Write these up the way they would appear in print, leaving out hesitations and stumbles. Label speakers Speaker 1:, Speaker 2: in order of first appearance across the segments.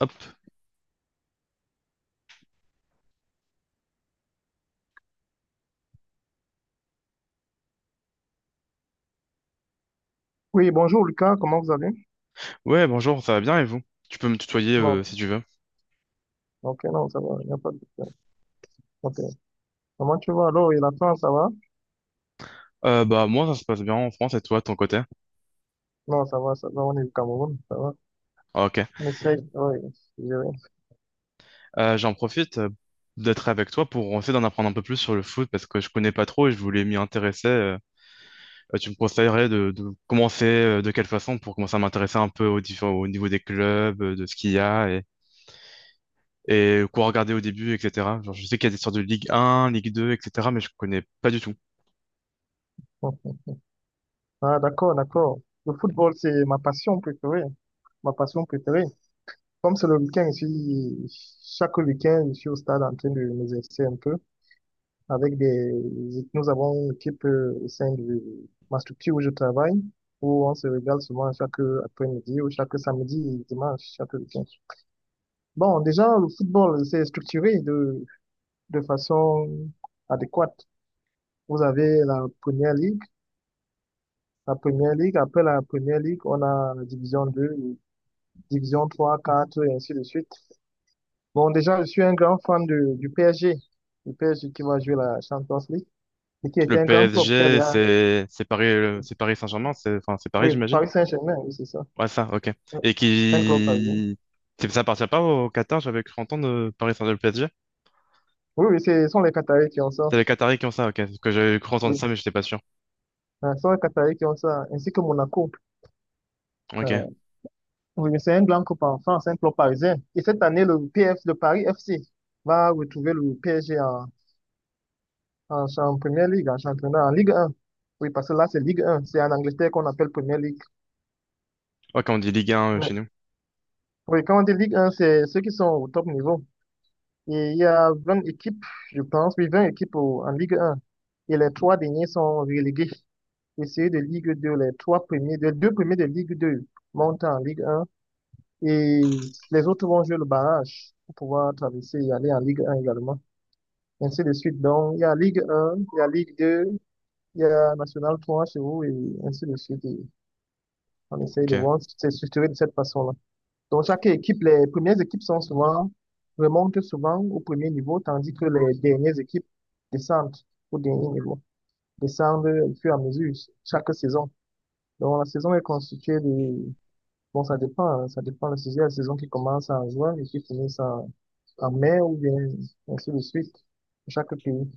Speaker 1: Hop.
Speaker 2: Oui, bonjour Lucas, comment vous allez?
Speaker 1: Ouais, bonjour, ça va bien et vous? Tu peux me tutoyer
Speaker 2: Non,
Speaker 1: si tu veux.
Speaker 2: ok, non, ça va, il n'y a pas de problème. Ok. Comment tu vas alors? Et la France, ça va?
Speaker 1: Bah moi ça se passe bien en France et toi de ton côté?
Speaker 2: Non, ça va, on est au Cameroun, ça va.
Speaker 1: Ah, ok.
Speaker 2: On essaye, oui, je dirais.
Speaker 1: J'en profite d'être avec toi pour essayer d'en apprendre un peu plus sur le foot parce que je connais pas trop et je voulais m'y intéresser. Tu me conseillerais de commencer de quelle façon pour commencer à m'intéresser un peu aux différents, au niveau des clubs, de ce qu'il y a et quoi regarder au début, etc. Genre, je sais qu'il y a des sortes de Ligue 1, Ligue 2, etc. Mais je connais pas du tout.
Speaker 2: Bon. Ah, d'accord, d'accord. Le football, c'est ma passion préférée, ma passion préférée. Comme c'est le week-end, je suis, chaque week-end, je suis au stade en train de nous m'exercer un peu. Avec des, nous avons une équipe au sein de ma structure où je travaille, où on se regarde souvent chaque après-midi ou chaque samedi et dimanche, chaque week-end. Bon, déjà, le football, c'est structuré de façon adéquate. Vous avez la première ligue, après la première ligue, on a la division 2, division 3, 4 et ainsi de suite. Bon, déjà, je suis un grand fan de, du PSG, le PSG qui va jouer la Champions League, et qui
Speaker 1: Le
Speaker 2: était un grand club qui a
Speaker 1: PSG,
Speaker 2: déjà,
Speaker 1: c'est Paris, c'est Paris Saint-Germain, c'est Paris,
Speaker 2: oui,
Speaker 1: j'imagine.
Speaker 2: Paris Saint-Germain, oui, c'est ça.
Speaker 1: Ouais, ça, ok.
Speaker 2: Ouais.
Speaker 1: Et
Speaker 2: Un club parisien.
Speaker 1: qui... Ça appartient pas au Qatar, j'avais cru entendre Paris Saint-Germain PSG.
Speaker 2: Oui, oui, c'est- ce sont les Qataris qui ont ça.
Speaker 1: C'est les Qataris qui ont ça, ok. Parce que j'avais cru entendre
Speaker 2: Oui,
Speaker 1: ça, mais j'étais pas sûr.
Speaker 2: Ce sont les Qataris qui ont ça, ainsi que Monaco.
Speaker 1: Ok.
Speaker 2: Ah, Oui, mais c'est un blanc club en France, un club parisien. Et cette année, le PF, le Paris FC va retrouver le PSG en, en, en Première Ligue, en championnat, en Ligue 1. Oui, parce que là, c'est Ligue 1. C'est en Angleterre qu'on appelle Première Ligue.
Speaker 1: Ouais, quand on dit Ligue 1 chez
Speaker 2: Mais-
Speaker 1: nous.
Speaker 2: Oui, quand on dit Ligue 1, c'est ceux qui sont au top niveau. Et il y a 20 équipes, je pense, oui, 20 équipes au- en Ligue 1. Et les trois derniers sont relégués. Et ceux de Ligue 2, les trois premiers, les deux premiers de Ligue 2 montent en Ligue 1. Et les autres vont jouer le barrage pour pouvoir traverser et aller en Ligue 1 également. Ainsi de suite. Donc, il y a Ligue 1, il y a Ligue 2, il y a National 3 chez vous et ainsi de suite. Et on essaye de
Speaker 1: Ok.
Speaker 2: voir, si c'est structuré de cette façon-là. Donc, chaque équipe, les premières équipes sont souvent, remontent souvent au premier niveau, tandis que les dernières équipes descendent au dernier niveau, descendent au fur et à mesure chaque saison. Donc, la saison est constituée de, bon, ça dépend, hein, ça dépend de la saison qui commence en juin et qui finit en en mer ou bien ainsi de suite, dans chaque pays.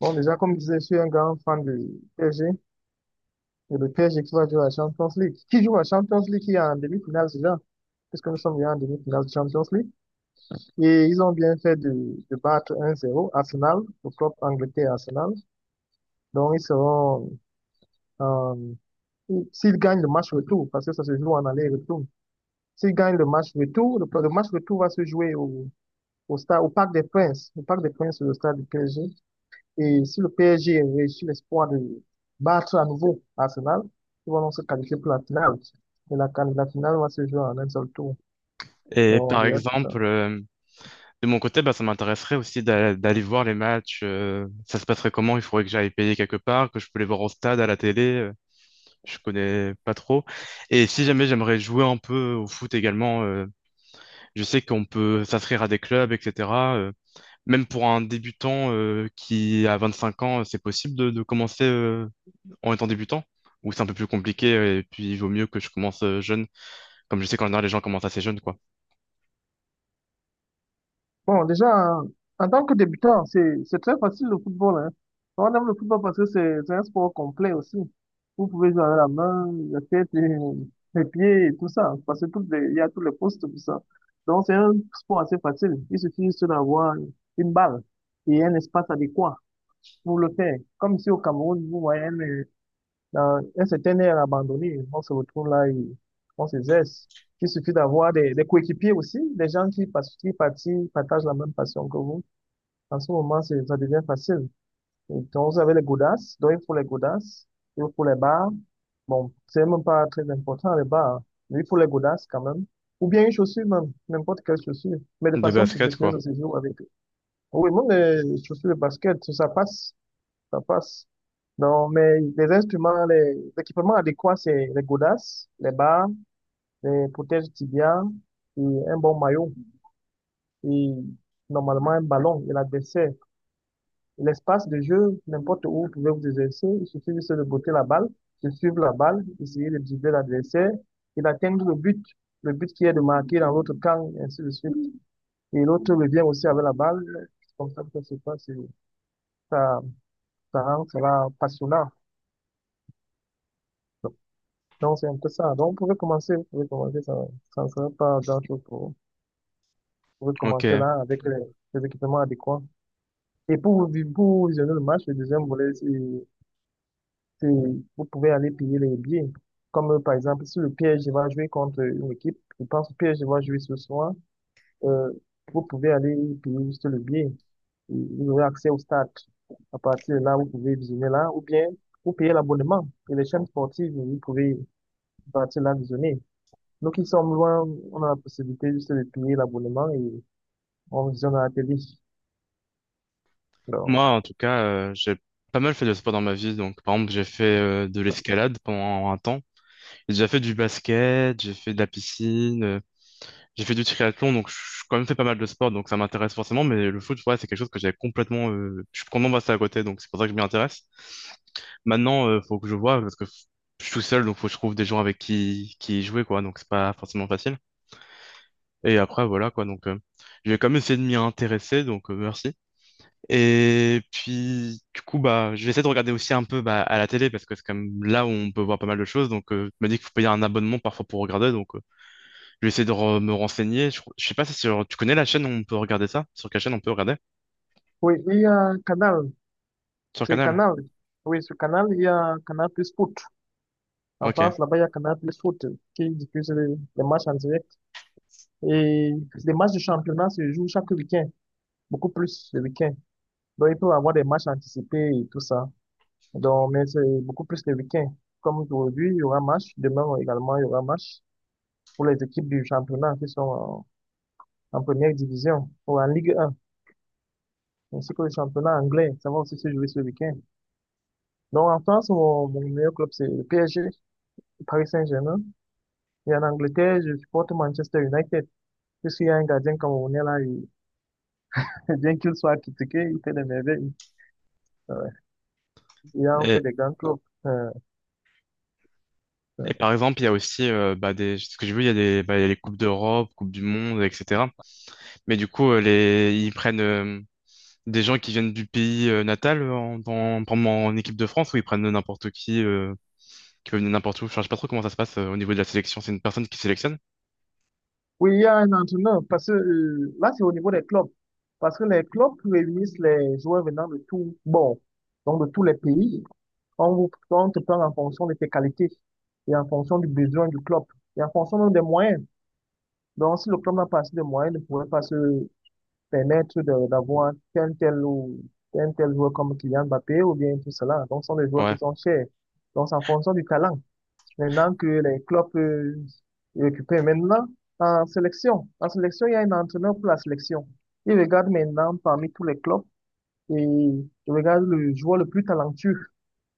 Speaker 2: Bon, déjà, comme je disais, je suis un grand fan du PSG, et le PSG qui va jouer à la Champions League, qui joue à la Champions League, qui est en demi-finale déjà, puisque nous sommes déjà en demi-finale de Champions League. Et ils ont bien fait de battre 1-0 Arsenal, le club anglais Arsenal. Donc, ils seront, euh, s'ils gagnent le match retour, parce que ça se joue en aller-retour, s'ils gagnent le match retour va se jouer au, au stade, au Parc des Princes, au Parc des Princes, le stade du PSG. Et si le PSG réussit l'espoir de battre à nouveau Arsenal, ils vont donc se qualifier pour la finale. Et la finale va se jouer en un seul tour.
Speaker 1: Et
Speaker 2: Donc,
Speaker 1: par
Speaker 2: déjà, c'est ça.
Speaker 1: exemple, de mon côté, bah, ça m'intéresserait aussi d'aller voir les matchs. Euh, ça se passerait comment? Il faudrait que j'aille payer quelque part, que je peux les voir au stade, à la télé. Euh, je connais pas trop. Et si jamais j'aimerais jouer un peu au foot également, je sais qu'on peut s'inscrire à des clubs, etc. Même pour un débutant qui a 25 ans, c'est possible de commencer en étant débutant? Ou c'est un peu plus compliqué et puis il vaut mieux que je commence jeune, comme je sais qu'en général les gens commencent assez jeunes, quoi.
Speaker 2: Bon, déjà, en en tant que débutant, c'est très facile le football, hein. On aime le football parce que c'est un sport complet aussi. Vous pouvez jouer avec la main, la tête, et les pieds et tout ça, hein. Parce que toutes les- il y a tous les postes, tout ça. Donc, c'est un sport assez facile. Il suffit juste d'avoir une balle et un espace adéquat pour le faire. Comme ici au Cameroun, vous voyez, dans un certain air abandonné, on se retrouve là et on se zeste. Il suffit d'avoir des coéquipiers aussi, des gens qui, pas- qui parti- partagent la même passion que vous. En ce moment, c'est- ça devient facile. Et donc, vous avez les godasses, donc il faut les godasses, il faut les bars. Bon, c'est même pas très important, les bars, mais il faut les godasses quand même. Ou bien une chaussure même, n'importe quelle chaussure. Mais de
Speaker 1: De
Speaker 2: façon
Speaker 1: basket,
Speaker 2: professionnelle,
Speaker 1: quoi.
Speaker 2: ça se joue avec. Oui, même les chaussures de basket, ça passe ça passe. Non, mais les instruments, les équipements adéquats, c'est les godasses, les barres, les protèges tibias et un bon maillot. Et normalement, un ballon et l'adversaire. L'espace de jeu, n'importe où vous pouvez vous exercer, il suffit juste de botter la balle, de suivre la balle, essayer de dribbler l'adversaire et d'atteindre le but. Le but qui est de marquer dans l'autre camp, et ainsi de suite. Et l'autre revient aussi avec la balle. C'est comme ça que ça se passe. Et Ça, ça rend cela passionnant. Donc, c'est un peu ça. Donc, vous pouvez commencer, ça ne sera pas d'un truc pour, vous pouvez commencer
Speaker 1: Ok.
Speaker 2: là avec les équipements adéquats. Et pour, vous vi- pour vous visionner le match, le deuxième volet, c'est- vous pouvez aller payer les billets. Comme, par exemple, si le PSG va jouer contre une équipe, je pense que le PSG va jouer ce soir, euh, vous pouvez aller payer juste le billet. Et vous aurez accès au stade. À partir de là, vous pouvez visionner là, ou bien, vous payez l'abonnement. Et les chaînes sportives, vous pouvez à partir de là visionner. Donc ils sont loin, on a la possibilité juste de payer l'abonnement et on visionne la télé. Donc,
Speaker 1: Moi, en tout cas, j'ai pas mal fait de sport dans ma vie. Donc, par exemple, j'ai fait de l'escalade pendant un temps. J'ai déjà fait du basket, j'ai fait de la piscine. Euh, j'ai fait du triathlon, donc je j'ai quand même fait pas mal de sport, donc ça m'intéresse forcément, mais le foot, ouais, c'est quelque chose que j'avais complètement... je suis complètement passé à côté, donc c'est pour ça que je m'y intéresse. Maintenant, faut que je vois, parce que je suis tout seul, donc faut que je trouve des gens avec qui y jouer, quoi, donc c'est pas forcément facile. Et après, voilà, quoi, donc j'ai quand même essayé de m'y intéresser, donc merci. Et puis, du coup, bah, je vais essayer de regarder aussi un peu bah, à la télé, parce que c'est quand même là où on peut voir pas mal de choses, donc je me dis qu'il faut payer un abonnement parfois pour regarder, donc... je vais essayer de me renseigner. Je sais pas si tu connais la chaîne où on peut regarder ça? Sur quelle chaîne on peut regarder?
Speaker 2: oui, il y a Canal.
Speaker 1: Sur
Speaker 2: C'est
Speaker 1: Canal?
Speaker 2: Canal. Oui, sur Canal, il y a Canal Plus Foot. En
Speaker 1: Ok.
Speaker 2: France, là-bas, il y a Canal Plus Foot qui diffuse les matchs en direct. Et les matchs du championnat se jouent chaque week-end, beaucoup plus le week-end. Donc, il peut y avoir des matchs anticipés et tout ça. Donc, mais c'est beaucoup plus le week-end. Comme aujourd'hui, il y aura match. Demain également, il y aura match pour les équipes du championnat qui sont en en première division ou en Ligue 1, ainsi que le championnat anglais. Ça va aussi se jouer ce week-end. Donc en France, mon meilleur club, c'est le PSG, le Paris Saint-Germain. Et en Angleterre, je supporte Manchester United. Puisqu'il y a un gardien camerounais là, il- bien qu'il soit critiqué, il fait des merveilles. Ouais. Il a fait
Speaker 1: Et,
Speaker 2: des grands clubs. Euh, euh.
Speaker 1: et par exemple, il y a aussi, bah, des, ce que j'ai vu, il y a des, bah, il y a les Coupes d'Europe, Coupes du Monde, etc. Mais du coup, les, ils prennent des gens qui viennent du pays natal en, dans, par exemple, en équipe de France ou ils prennent n'importe qui peut venir n'importe où. Enfin, je sais pas trop comment ça se passe au niveau de la sélection. C'est une personne qui sélectionne?
Speaker 2: Oui, il y a un entraîneur, parce que là, c'est au niveau des clubs. Parce que les clubs réunissent les joueurs venant de tout, bon, donc de tous les pays. On vous, on te prend en fonction de tes qualités et en fonction du besoin du club et en fonction même des moyens. Donc, si le club n'a pas assez de moyens, il ne pourrait pas se permettre de- d'avoir un tel ou un tel joueur comme Kylian Mbappé ou bien tout cela. Donc, ce sont des joueurs qui
Speaker 1: Ouais.
Speaker 2: sont chers. Donc, c'est en fonction du talent. Maintenant que les clubs récupèrent maintenant en sélection. En sélection, il y a un entraîneur pour la sélection. Il regarde maintenant parmi tous les clubs et il regarde le joueur le plus talentueux.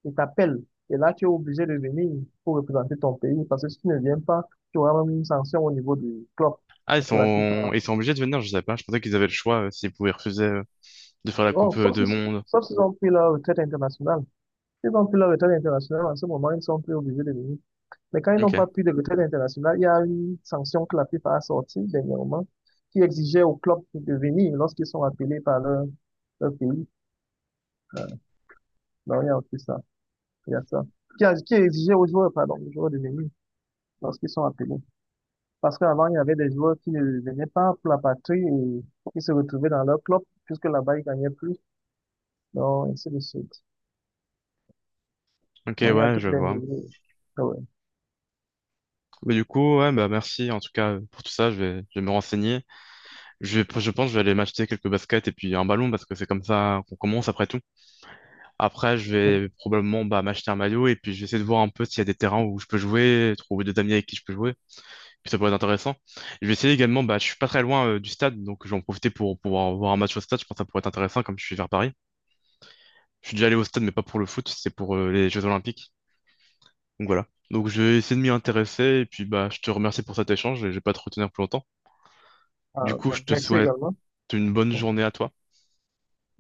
Speaker 2: Il t'appelle. Et là, tu es obligé de venir pour représenter ton pays parce que si tu ne viens pas, tu auras même une sanction au niveau du club.
Speaker 1: Ah, ils
Speaker 2: Parce que la
Speaker 1: sont,
Speaker 2: FIFA
Speaker 1: ils sont obligés de venir, je sais pas. Je pensais qu'ils avaient le choix s'ils pouvaient refuser de faire la
Speaker 2: bon,
Speaker 1: Coupe
Speaker 2: sauf
Speaker 1: de
Speaker 2: si-
Speaker 1: Monde.
Speaker 2: sauf s'ils ont pris leur retraite internationale. S'ils ont pris leur retraite internationale, en ce moment, ils sont plus obligés de venir. Mais quand ils n'ont
Speaker 1: Ok.
Speaker 2: pas pris de retraite internationale, il y a une sanction que la FIFA a sortie dernièrement qui exigeait aux clubs de venir lorsqu'ils sont appelés par leur, leur pays. Euh, non, il y a aussi ça. Il y a ça. Qui, a- qui exigeait aux joueurs, pardon, aux joueurs de venir lorsqu'ils sont appelés. Parce qu'avant, il y avait des joueurs qui ne venaient pas pour la patrie et qui se retrouvaient dans leur club puisque là-bas, ils gagnaient plus. Donc, ainsi de suite.
Speaker 1: Ok,
Speaker 2: Moya
Speaker 1: ouais, je
Speaker 2: toutes les
Speaker 1: vois.
Speaker 2: minutes. Ah ouais.
Speaker 1: Mais du coup, ouais, bah merci en tout cas pour tout ça. Je vais me renseigner. Je vais, je pense que je vais aller m'acheter quelques baskets et puis un ballon parce que c'est comme ça qu'on commence après tout. Après, je vais probablement bah, m'acheter un maillot et puis je vais essayer de voir un peu s'il y a des terrains où je peux jouer, trouver des amis avec qui je peux jouer. Puis ça pourrait être intéressant. Je vais essayer également, bah, je suis pas très loin du stade donc je vais en profiter pour pouvoir voir un match au stade. Je pense que ça pourrait être intéressant comme je suis vers Paris. Je suis déjà allé au stade mais pas pour le foot, c'est pour les Jeux Olympiques. Donc voilà. Donc je vais essayer de m'y intéresser et puis bah je te remercie pour cet échange et je vais pas te retenir plus longtemps. Du
Speaker 2: Ah,
Speaker 1: coup,
Speaker 2: me-
Speaker 1: je te
Speaker 2: merci
Speaker 1: souhaite
Speaker 2: également.
Speaker 1: une bonne
Speaker 2: Bon,
Speaker 1: journée à toi.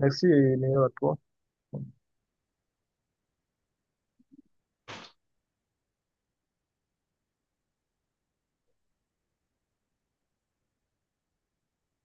Speaker 2: merci et meilleur à